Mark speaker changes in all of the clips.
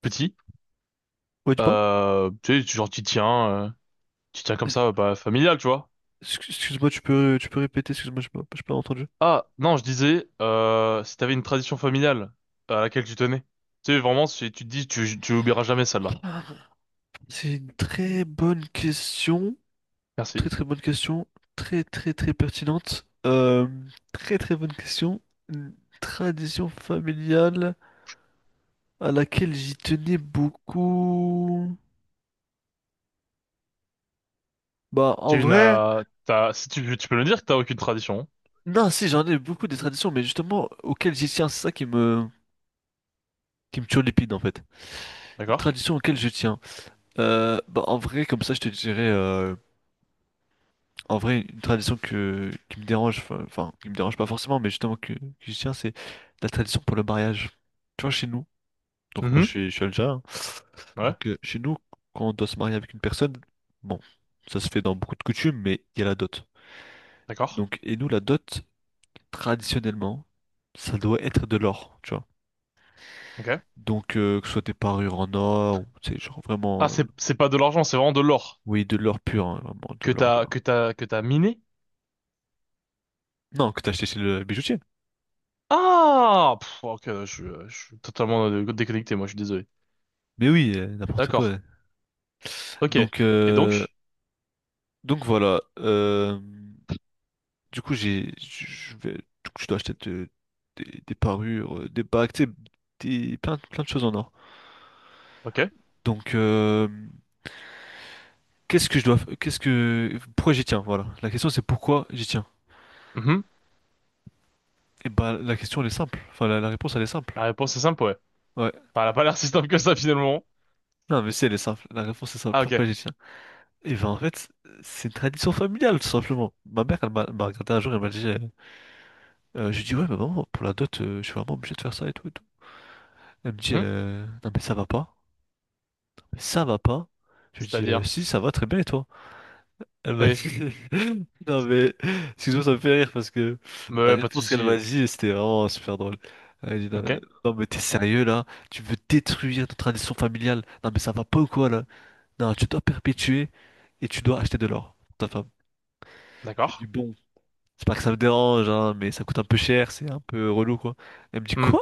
Speaker 1: Petit.
Speaker 2: Ouais, dis-moi.
Speaker 1: Tu sais, tu genre, tu tiens comme ça, bah, familial, tu vois.
Speaker 2: Excuse-moi, tu peux répéter, excuse-moi, je n'ai pas entendu.
Speaker 1: Ah, non, je disais, si t'avais une tradition familiale à laquelle tu tenais. Tu sais, vraiment, si tu te dis, tu oublieras jamais celle-là.
Speaker 2: C'est une très bonne question, très
Speaker 1: Merci.
Speaker 2: très bonne question, très très très pertinente, très très bonne question. Une tradition familiale à laquelle j'y tenais beaucoup. Bah, en vrai,
Speaker 1: T'as, si tu, tu peux me dire que t'as aucune tradition, hein.
Speaker 2: non, si, j'en ai beaucoup des traditions, mais justement, auxquelles j'y tiens, c'est ça qui me turlupine en fait. Une
Speaker 1: D'accord?
Speaker 2: tradition auxquelles je tiens. Bah, en vrai, comme ça, je te dirais. En vrai, une tradition qui me dérange, enfin, qui me dérange pas forcément, mais justement que je tiens, c'est la tradition pour le mariage. Tu vois, chez nous, donc moi je
Speaker 1: Mhm.
Speaker 2: suis, je suis algérien, hein.
Speaker 1: Ouais.
Speaker 2: Donc chez nous, quand on doit se marier avec une personne, bon, ça se fait dans beaucoup de coutumes, mais il y a la dot.
Speaker 1: D'accord.
Speaker 2: Donc, et nous, la dot, traditionnellement, ça doit être de l'or, tu vois.
Speaker 1: Ok.
Speaker 2: Donc, que ce soit des parures en or, ou, tu sais, genre
Speaker 1: Ah,
Speaker 2: vraiment,
Speaker 1: c'est pas de l'argent, c'est vraiment de l'or
Speaker 2: oui, de l'or pur, hein, vraiment, de l'or, de l'or.
Speaker 1: que t'as miné?
Speaker 2: Non, que t'as acheté chez le bijoutier.
Speaker 1: Ah! Pff, ok, je suis totalement déconnecté, moi, je suis désolé.
Speaker 2: Mais oui, n'importe
Speaker 1: D'accord.
Speaker 2: quoi. Ouais.
Speaker 1: Ok.
Speaker 2: Donc,
Speaker 1: Et donc?
Speaker 2: donc voilà, du coup, je dois acheter des parures, des bagues, tu sais, des, plein, plein de choses en or.
Speaker 1: Ok.
Speaker 2: Donc qu'est-ce que je dois, f- qu'est-ce que, pourquoi j'y tiens? Voilà, la question c'est pourquoi j'y tiens.
Speaker 1: Mhm.
Speaker 2: Et bah la question elle est simple, enfin la réponse elle est simple.
Speaker 1: La réponse est simple, ouais.
Speaker 2: Ouais,
Speaker 1: Enfin, elle a pas l'air si simple que ça, finalement.
Speaker 2: non mais si elle est simple, la réponse est simple.
Speaker 1: Ah,
Speaker 2: Pourquoi
Speaker 1: ok.
Speaker 2: j'y tiens? Et ben en fait c'est une tradition familiale tout simplement. Ma mère elle m'a regardé un jour elle m'a dit, je lui dis ouais mais maman pour la dot je suis vraiment obligé de faire ça et tout et tout. Elle me dit
Speaker 1: Hum.
Speaker 2: non mais ça va pas. Ça va pas? Je lui dis,
Speaker 1: C'est-à-dire?
Speaker 2: si, ça va très bien, et toi? Elle m'a dit,
Speaker 1: Oui.
Speaker 2: non mais, excuse-moi, ça me fait rire parce que
Speaker 1: Mais
Speaker 2: la
Speaker 1: ouais, pas de
Speaker 2: réponse qu'elle m'a
Speaker 1: souci.
Speaker 2: dit, c'était vraiment super drôle. Elle dit, non, mais
Speaker 1: Ok.
Speaker 2: non, mais t'es sérieux là? Tu veux détruire notre tradition familiale? Non mais ça va pas ou quoi là? Non, tu dois perpétuer et tu dois acheter de l'or pour ta femme. Je lui dis,
Speaker 1: D'accord.
Speaker 2: bon, c'est pas que ça me dérange, hein, mais ça coûte un peu cher, c'est un peu relou quoi. Elle me dit,
Speaker 1: Hum.
Speaker 2: quoi?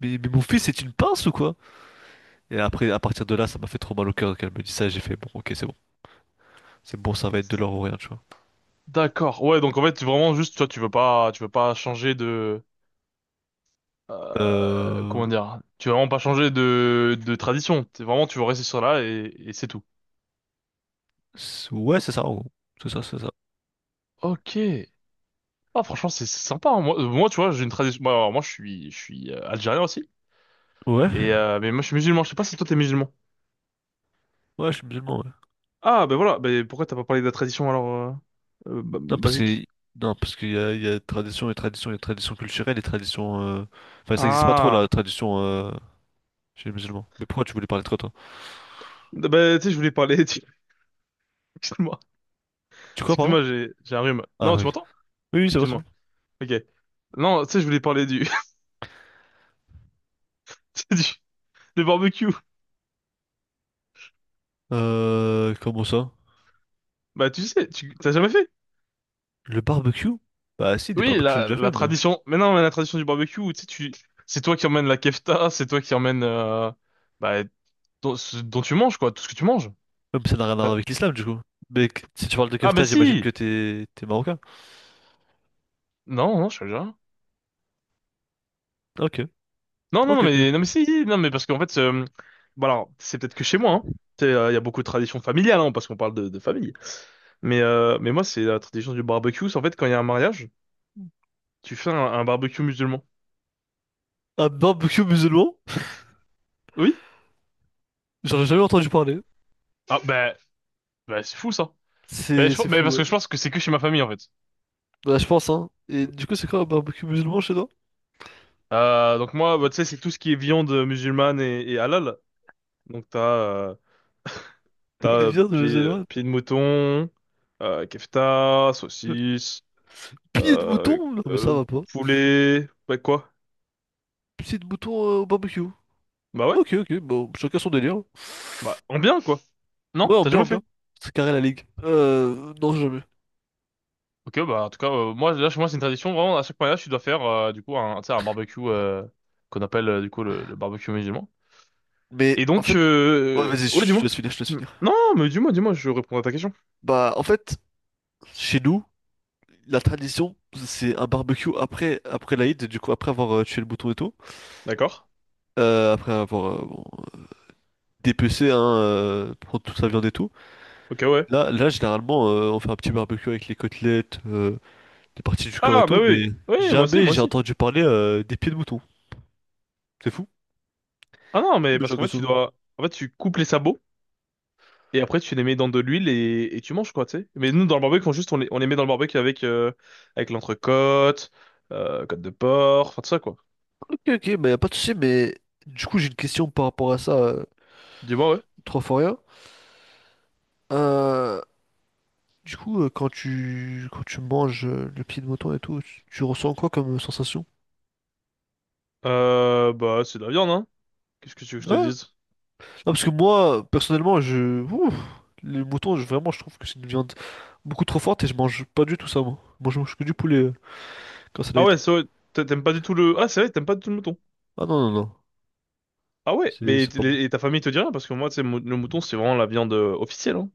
Speaker 2: Mais mon fils, c'est une pince ou quoi? Et après, à partir de là, ça m'a fait trop mal au cœur qu'elle me dise ça, j'ai fait, bon, ok, c'est bon. C'est bon, ça va être de l'or ou rien, tu vois.
Speaker 1: D'accord. Ouais, donc en fait, vraiment juste, toi, tu veux pas changer de,
Speaker 2: Euh...
Speaker 1: comment dire? Tu veux vraiment pas changer de tradition. T'es vraiment, tu veux rester sur là et c'est tout.
Speaker 2: c'est- Ouais, c'est ça, en gros. C'est ça, c'est ça.
Speaker 1: Ok. Ah, franchement, c'est sympa, hein. Moi, moi, tu vois, j'ai une tradition. Moi, alors, moi, je suis algérien aussi.
Speaker 2: Ouais?
Speaker 1: Et mais moi, je suis musulman. Je sais pas si toi, t'es musulman.
Speaker 2: Ouais, je suis musulman, ouais.
Speaker 1: Ah, ben voilà. Ben pourquoi t'as pas parlé de la tradition alors
Speaker 2: Non, parce que...
Speaker 1: basique?
Speaker 2: Non, parce qu'il y a, il y a tradition et tradition, il y a tradition culturelle et tradition... Enfin, ça existe pas trop, la
Speaker 1: Ah,
Speaker 2: tradition chez les musulmans. Mais pourquoi tu voulais parler de toi, toi?
Speaker 1: bah, tu sais, je voulais parler. Excuse-moi.
Speaker 2: Tu crois, pardon?
Speaker 1: Excuse-moi, j'ai un rhume.
Speaker 2: Ah
Speaker 1: Non, tu
Speaker 2: oui.
Speaker 1: m'entends?
Speaker 2: Oui, oui, c'est vrai, c'est
Speaker 1: Excuse-moi. Ok. Non, tu sais, je voulais parler du... du du barbecue.
Speaker 2: Comment ça?
Speaker 1: Bah, tu sais, tu t'as jamais fait?
Speaker 2: Le barbecue? Bah si, des
Speaker 1: Oui,
Speaker 2: barbecues, j'en ai
Speaker 1: la
Speaker 2: déjà
Speaker 1: la
Speaker 2: fait, mais...
Speaker 1: tradition. Mais non, mais la tradition du barbecue, tu sais, tu c'est toi qui emmènes la kefta, c'est toi qui emmènes bah ce dont tu manges quoi, tout ce que tu manges.
Speaker 2: Ouais, mais ça n'a rien à voir
Speaker 1: Euh,
Speaker 2: avec l'islam, du coup. Mais si tu parles de
Speaker 1: Ah, mais
Speaker 2: kefta, j'imagine
Speaker 1: si.
Speaker 2: que t'es... t'es marocain.
Speaker 1: Non, non, je suis algérien.
Speaker 2: Ok.
Speaker 1: Non, non,
Speaker 2: Ok,
Speaker 1: non,
Speaker 2: ok.
Speaker 1: mais non, mais si, si, non, mais parce qu'en fait, bon alors, c'est peut-être que chez moi, hein. Tu sais, il y a beaucoup de traditions familiales, hein, parce qu'on parle de famille. Mais moi, c'est la tradition du barbecue. C'est en fait, quand il y a un mariage, tu fais un barbecue musulman.
Speaker 2: Un barbecue musulman?
Speaker 1: Oui?
Speaker 2: J'aurais jamais entendu parler.
Speaker 1: Ah, bah, bah c'est fou ça.
Speaker 2: C'est c'est
Speaker 1: Mais
Speaker 2: fou,
Speaker 1: parce
Speaker 2: ouais.
Speaker 1: que je pense que c'est que chez ma famille en fait.
Speaker 2: Bah, je pense, hein. Et du coup, c'est quoi un barbecue musulman chez toi?
Speaker 1: Donc moi, bah, tu sais, c'est tout ce qui est viande musulmane et halal. Donc t'as t'as
Speaker 2: C'est bien de
Speaker 1: pied,
Speaker 2: musulman.
Speaker 1: pied de mouton, kefta, saucisse,
Speaker 2: Pied de
Speaker 1: euh,
Speaker 2: mouton? Non, mais ça
Speaker 1: euh,
Speaker 2: va pas.
Speaker 1: poulet, bah quoi?
Speaker 2: Pied de mouton au barbecue.
Speaker 1: Bah ouais,
Speaker 2: Ok, ok, bon, chacun son délire.
Speaker 1: bah en bien quoi.
Speaker 2: Ouais,
Speaker 1: Non?
Speaker 2: en
Speaker 1: T'as
Speaker 2: bien,
Speaker 1: jamais
Speaker 2: en bien.
Speaker 1: fait?
Speaker 2: C'est carré la ligue. Non, jamais.
Speaker 1: Ok, bah en tout cas, moi là chez moi c'est une tradition vraiment à chaque mariage tu dois faire tu sais, un barbecue qu'on appelle le barbecue musulman. Et
Speaker 2: Mais en
Speaker 1: donc
Speaker 2: fait, ouais, vas-y,
Speaker 1: ouais dis-moi.
Speaker 2: je te laisse finir.
Speaker 1: Non mais dis-moi dis-moi je réponds à ta question.
Speaker 2: Bah, en fait, chez nous, la tradition, c'est un barbecue après l'Aïd, du coup, après avoir tué le mouton et tout.
Speaker 1: D'accord.
Speaker 2: Après avoir bon, euh, dépecé, hein, prendre toute sa viande et tout.
Speaker 1: Ok ouais.
Speaker 2: Là, généralement, on fait un petit barbecue avec les côtelettes, des parties du corps et
Speaker 1: Ah bah
Speaker 2: tout,
Speaker 1: oui
Speaker 2: mais
Speaker 1: oui moi aussi
Speaker 2: jamais
Speaker 1: moi
Speaker 2: j'ai
Speaker 1: aussi.
Speaker 2: entendu parler des pieds de mouton. C'est fou?
Speaker 1: Ah non mais
Speaker 2: Mais j'ai
Speaker 1: parce qu'en fait tu
Speaker 2: l'impression-
Speaker 1: dois en fait tu coupes les sabots et après tu les mets dans de l'huile et tu manges quoi tu sais. Mais nous dans le barbecue on juste on les met dans le barbecue avec l'entrecôte, côte de porc, enfin tout ça quoi.
Speaker 2: Ok, ok, mais y a pas de souci, mais du coup j'ai une question par rapport à ça,
Speaker 1: Dis-moi ouais.
Speaker 2: trop fort rien. Euh, du coup, quand tu manges le pied de mouton et tout, tu ressens quoi comme sensation?
Speaker 1: Bah c'est de la viande hein. Qu'est-ce que tu veux que je
Speaker 2: Ouais.
Speaker 1: te
Speaker 2: Ouais,
Speaker 1: dise?
Speaker 2: non, parce que moi, personnellement, je. Ouh, les moutons, je- vraiment, je trouve que c'est une viande beaucoup trop forte et je mange pas du tout ça, moi. Moi, je mange que du poulet quand c'est
Speaker 1: Ah ouais,
Speaker 2: light.
Speaker 1: c'est vrai, t'aimes pas du tout le... Ah c'est vrai, t'aimes pas du tout le mouton.
Speaker 2: Ah non, non, non.
Speaker 1: Ah ouais,
Speaker 2: C'est
Speaker 1: mais
Speaker 2: c'est pas bon.
Speaker 1: et ta famille te dit rien parce que moi, tu sais, le mouton, c'est vraiment la viande officielle, hein.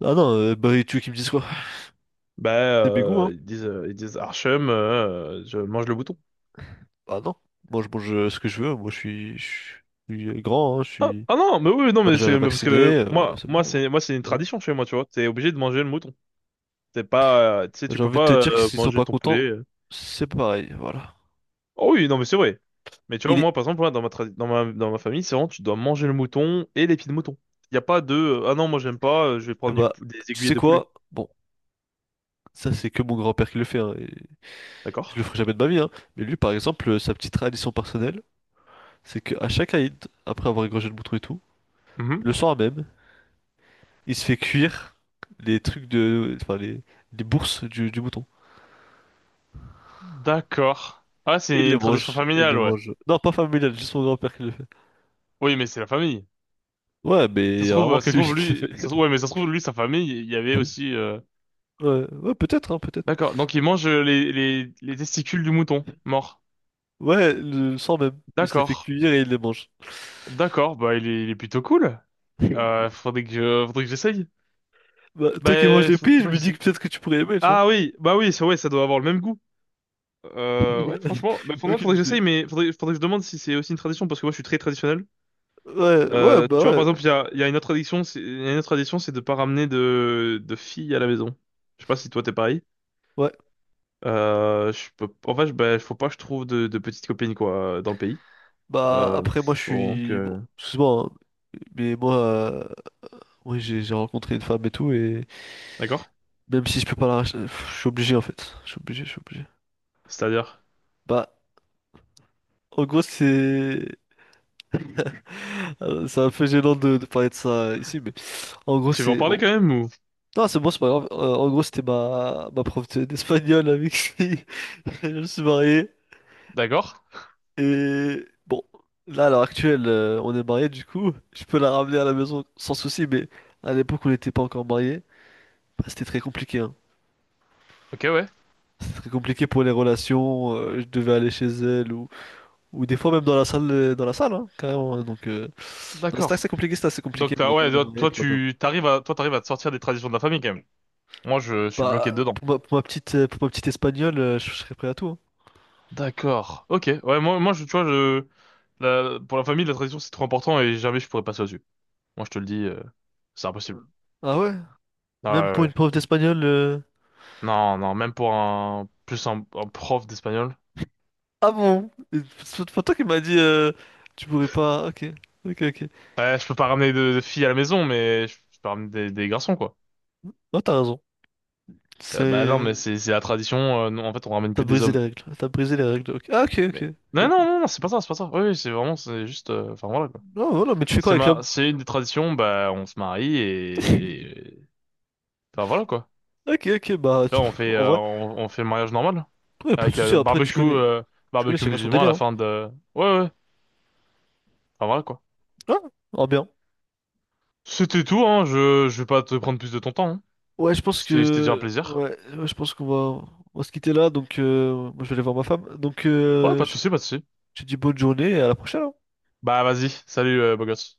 Speaker 2: Ah non, bah et tu veux qu'ils me disent quoi?
Speaker 1: Bah,
Speaker 2: C'est mes goûts, hein?
Speaker 1: ils disent Archem, je mange le mouton.
Speaker 2: Bah non. Moi je mange ce que je veux, je suis grand, hein, je
Speaker 1: Ah,
Speaker 2: suis
Speaker 1: ah non, mais oui, non, mais
Speaker 2: majeur et
Speaker 1: c'est mais parce que
Speaker 2: vacciné,
Speaker 1: moi,
Speaker 2: c'est bon.
Speaker 1: c'est une
Speaker 2: Hein. Ouais.
Speaker 1: tradition chez moi, tu vois. T'es obligé de manger le mouton. T'es pas, tu sais,
Speaker 2: Bah,
Speaker 1: tu
Speaker 2: j'ai
Speaker 1: peux
Speaker 2: envie de te
Speaker 1: pas
Speaker 2: dire que s'ils sont
Speaker 1: manger
Speaker 2: pas
Speaker 1: ton poulet,
Speaker 2: contents,
Speaker 1: euh.
Speaker 2: c'est pareil, voilà.
Speaker 1: Oh oui, non, mais c'est vrai. Mais tu vois,
Speaker 2: Il est...
Speaker 1: moi, par exemple, moi, dans ma, tra- dans ma famille, c'est vraiment, tu dois manger le mouton et les pieds de mouton. Il n'y a pas de, ah non, moi, j'aime pas, je vais
Speaker 2: Eh
Speaker 1: prendre
Speaker 2: bah,
Speaker 1: des
Speaker 2: tu
Speaker 1: aiguillets
Speaker 2: sais
Speaker 1: de poulet.
Speaker 2: quoi? Bon, ça c'est que mon grand-père qui le fait, hein, et je le
Speaker 1: D'accord?
Speaker 2: ferai jamais de ma vie, hein. Mais lui par exemple, sa petite tradition personnelle, c'est qu'à chaque Aïd, après avoir égorgé le mouton et tout,
Speaker 1: Mhm.
Speaker 2: le soir même, il se fait cuire les trucs de... enfin les bourses du mouton.
Speaker 1: D'accord. Ah, c'est une tradition
Speaker 2: Il les
Speaker 1: familiale, ouais.
Speaker 2: mange. Non, pas familial, juste mon grand-père qui le fait.
Speaker 1: Oui, mais c'est la famille.
Speaker 2: Ouais, mais
Speaker 1: Ça
Speaker 2: il
Speaker 1: se
Speaker 2: y a
Speaker 1: trouve,
Speaker 2: vraiment que lui qui le fait.
Speaker 1: ouais, mais ça se trouve lui, sa famille, il y avait aussi, euh.
Speaker 2: Ouais, ouais, peut-être, hein, peut-être.
Speaker 1: D'accord. Donc il mange les testicules du mouton mort.
Speaker 2: Ouais, le sang même. Il se les fait
Speaker 1: D'accord.
Speaker 2: cuire et il les mange.
Speaker 1: D'accord. Bah il est plutôt cool. Faudrait que j'essaye.
Speaker 2: Bah, toi qui manges
Speaker 1: Bah
Speaker 2: les pieds, je
Speaker 1: faudrait
Speaker 2: me
Speaker 1: que
Speaker 2: dis que
Speaker 1: j'essaye.
Speaker 2: peut-être que tu pourrais aimer, tu vois.
Speaker 1: Ah oui, bah oui, ça, ouais, ça doit avoir le même goût. Ouais, franchement, bah,
Speaker 2: Aucune
Speaker 1: faudrait que
Speaker 2: idée.
Speaker 1: j'essaye, mais faudrait que je demande si c'est aussi une tradition, parce que moi je suis très traditionnel. Tu vois, par
Speaker 2: Ouais.
Speaker 1: exemple, il y a une autre tradition, c'est, il y a une autre tradition, c'est de pas ramener de filles à la maison. Je sais pas si toi t'es pareil.
Speaker 2: Ouais.
Speaker 1: Je peux, en fait, bah, faut pas que je trouve de petites copines, quoi, dans le pays.
Speaker 2: Bah,
Speaker 1: Euh,
Speaker 2: après, moi, je
Speaker 1: bon, donc,
Speaker 2: suis... Bon, excuse-moi, hein, mais moi, oui, j'ai rencontré une femme et tout, et
Speaker 1: d'accord.
Speaker 2: même si je peux pas la racheter, pff, je suis obligé, en fait. Je suis obligé.
Speaker 1: C'est-à-dire,
Speaker 2: Bah, en gros, c'est... c'est un peu gênant de parler de ça ici, mais en gros,
Speaker 1: tu veux en
Speaker 2: c'est
Speaker 1: parler
Speaker 2: bon.
Speaker 1: quand même ou?
Speaker 2: Non, c'est bon, c'est pas grave. En gros, c'était ma prof d'espagnol avec qui je me suis marié.
Speaker 1: D'accord.
Speaker 2: Et bon, là, à l'heure actuelle, on est mariés, du coup, je peux la ramener à la maison sans souci, mais à l'époque, on n'était pas encore mariés. Bah, c'était très compliqué, hein.
Speaker 1: Ok, ouais.
Speaker 2: C'était très compliqué pour les relations. Je devais aller chez elle ou des fois même dans la salle, hein, carrément. Hein, donc, non,
Speaker 1: D'accord.
Speaker 2: c'était assez compliqué,
Speaker 1: Donc,
Speaker 2: mais maintenant,
Speaker 1: ouais,
Speaker 2: on est mariés,
Speaker 1: toi,
Speaker 2: tout va bien.
Speaker 1: t'arrives à, toi, t'arrives à te sortir des traditions de la famille quand même. Moi, je suis bloqué
Speaker 2: Bah,
Speaker 1: dedans.
Speaker 2: pour pour ma petite espagnole, je serais prêt à tout. Hein.
Speaker 1: D'accord. Ok. Ouais, moi, tu vois, pour la famille, la tradition, c'est trop important et jamais je pourrais passer au-dessus. Moi, je te le dis, c'est impossible.
Speaker 2: Ah ouais?
Speaker 1: Ah,
Speaker 2: Même
Speaker 1: ouais,
Speaker 2: pour
Speaker 1: ouais,
Speaker 2: une
Speaker 1: ouais.
Speaker 2: prof d'espagnol.
Speaker 1: Non, non, même pour un prof d'espagnol.
Speaker 2: Ah bon? Et toi qui m'a dit tu pourrais pas. Ok, ok, ok.
Speaker 1: Ouais, je peux pas ramener de filles à la maison, mais je peux ramener des garçons, quoi.
Speaker 2: Non, t'as raison.
Speaker 1: Bah non,
Speaker 2: C'est.
Speaker 1: mais c'est la tradition, non, en fait, on ramène
Speaker 2: T'as
Speaker 1: que des
Speaker 2: brisé les
Speaker 1: hommes.
Speaker 2: règles. T'as brisé les règles. Ok. Ah, ok, ok.
Speaker 1: Mais
Speaker 2: Ok,
Speaker 1: non, non,
Speaker 2: ok.
Speaker 1: non, non, c'est pas ça, c'est pas ça. Oui, oui, c'est vraiment, c'est juste, enfin voilà, quoi.
Speaker 2: Non, voilà, mais tu fais quoi
Speaker 1: C'est
Speaker 2: avec l'homme?
Speaker 1: ma, c'est une des traditions. Bah, on se marie et- enfin voilà, quoi.
Speaker 2: Ok, ok, bah,
Speaker 1: Tu vois, on fait,
Speaker 2: en vrai,
Speaker 1: on fait le mariage normal.
Speaker 2: ouais, pas de
Speaker 1: Avec
Speaker 2: soucis, après, tu connais
Speaker 1: barbecue
Speaker 2: chacun son
Speaker 1: musulman à
Speaker 2: délire,
Speaker 1: la
Speaker 2: hein.
Speaker 1: fin de... Ouais, ouais. Enfin, voilà, quoi.
Speaker 2: Ah, ah, bien.
Speaker 1: C'était tout, hein. Je vais pas te prendre plus de ton temps, hein.
Speaker 2: Ouais, je pense
Speaker 1: C'était déjà un
Speaker 2: que,
Speaker 1: plaisir.
Speaker 2: ouais, ouais, je pense qu'on va, on va se quitter là, donc, moi, je vais aller voir ma femme, donc,
Speaker 1: Ouais, pas de
Speaker 2: je
Speaker 1: souci, pas de souci.
Speaker 2: Je te dis bonne journée et à la prochaine. Hein.
Speaker 1: Bah, vas-y. Salut, beau gosse.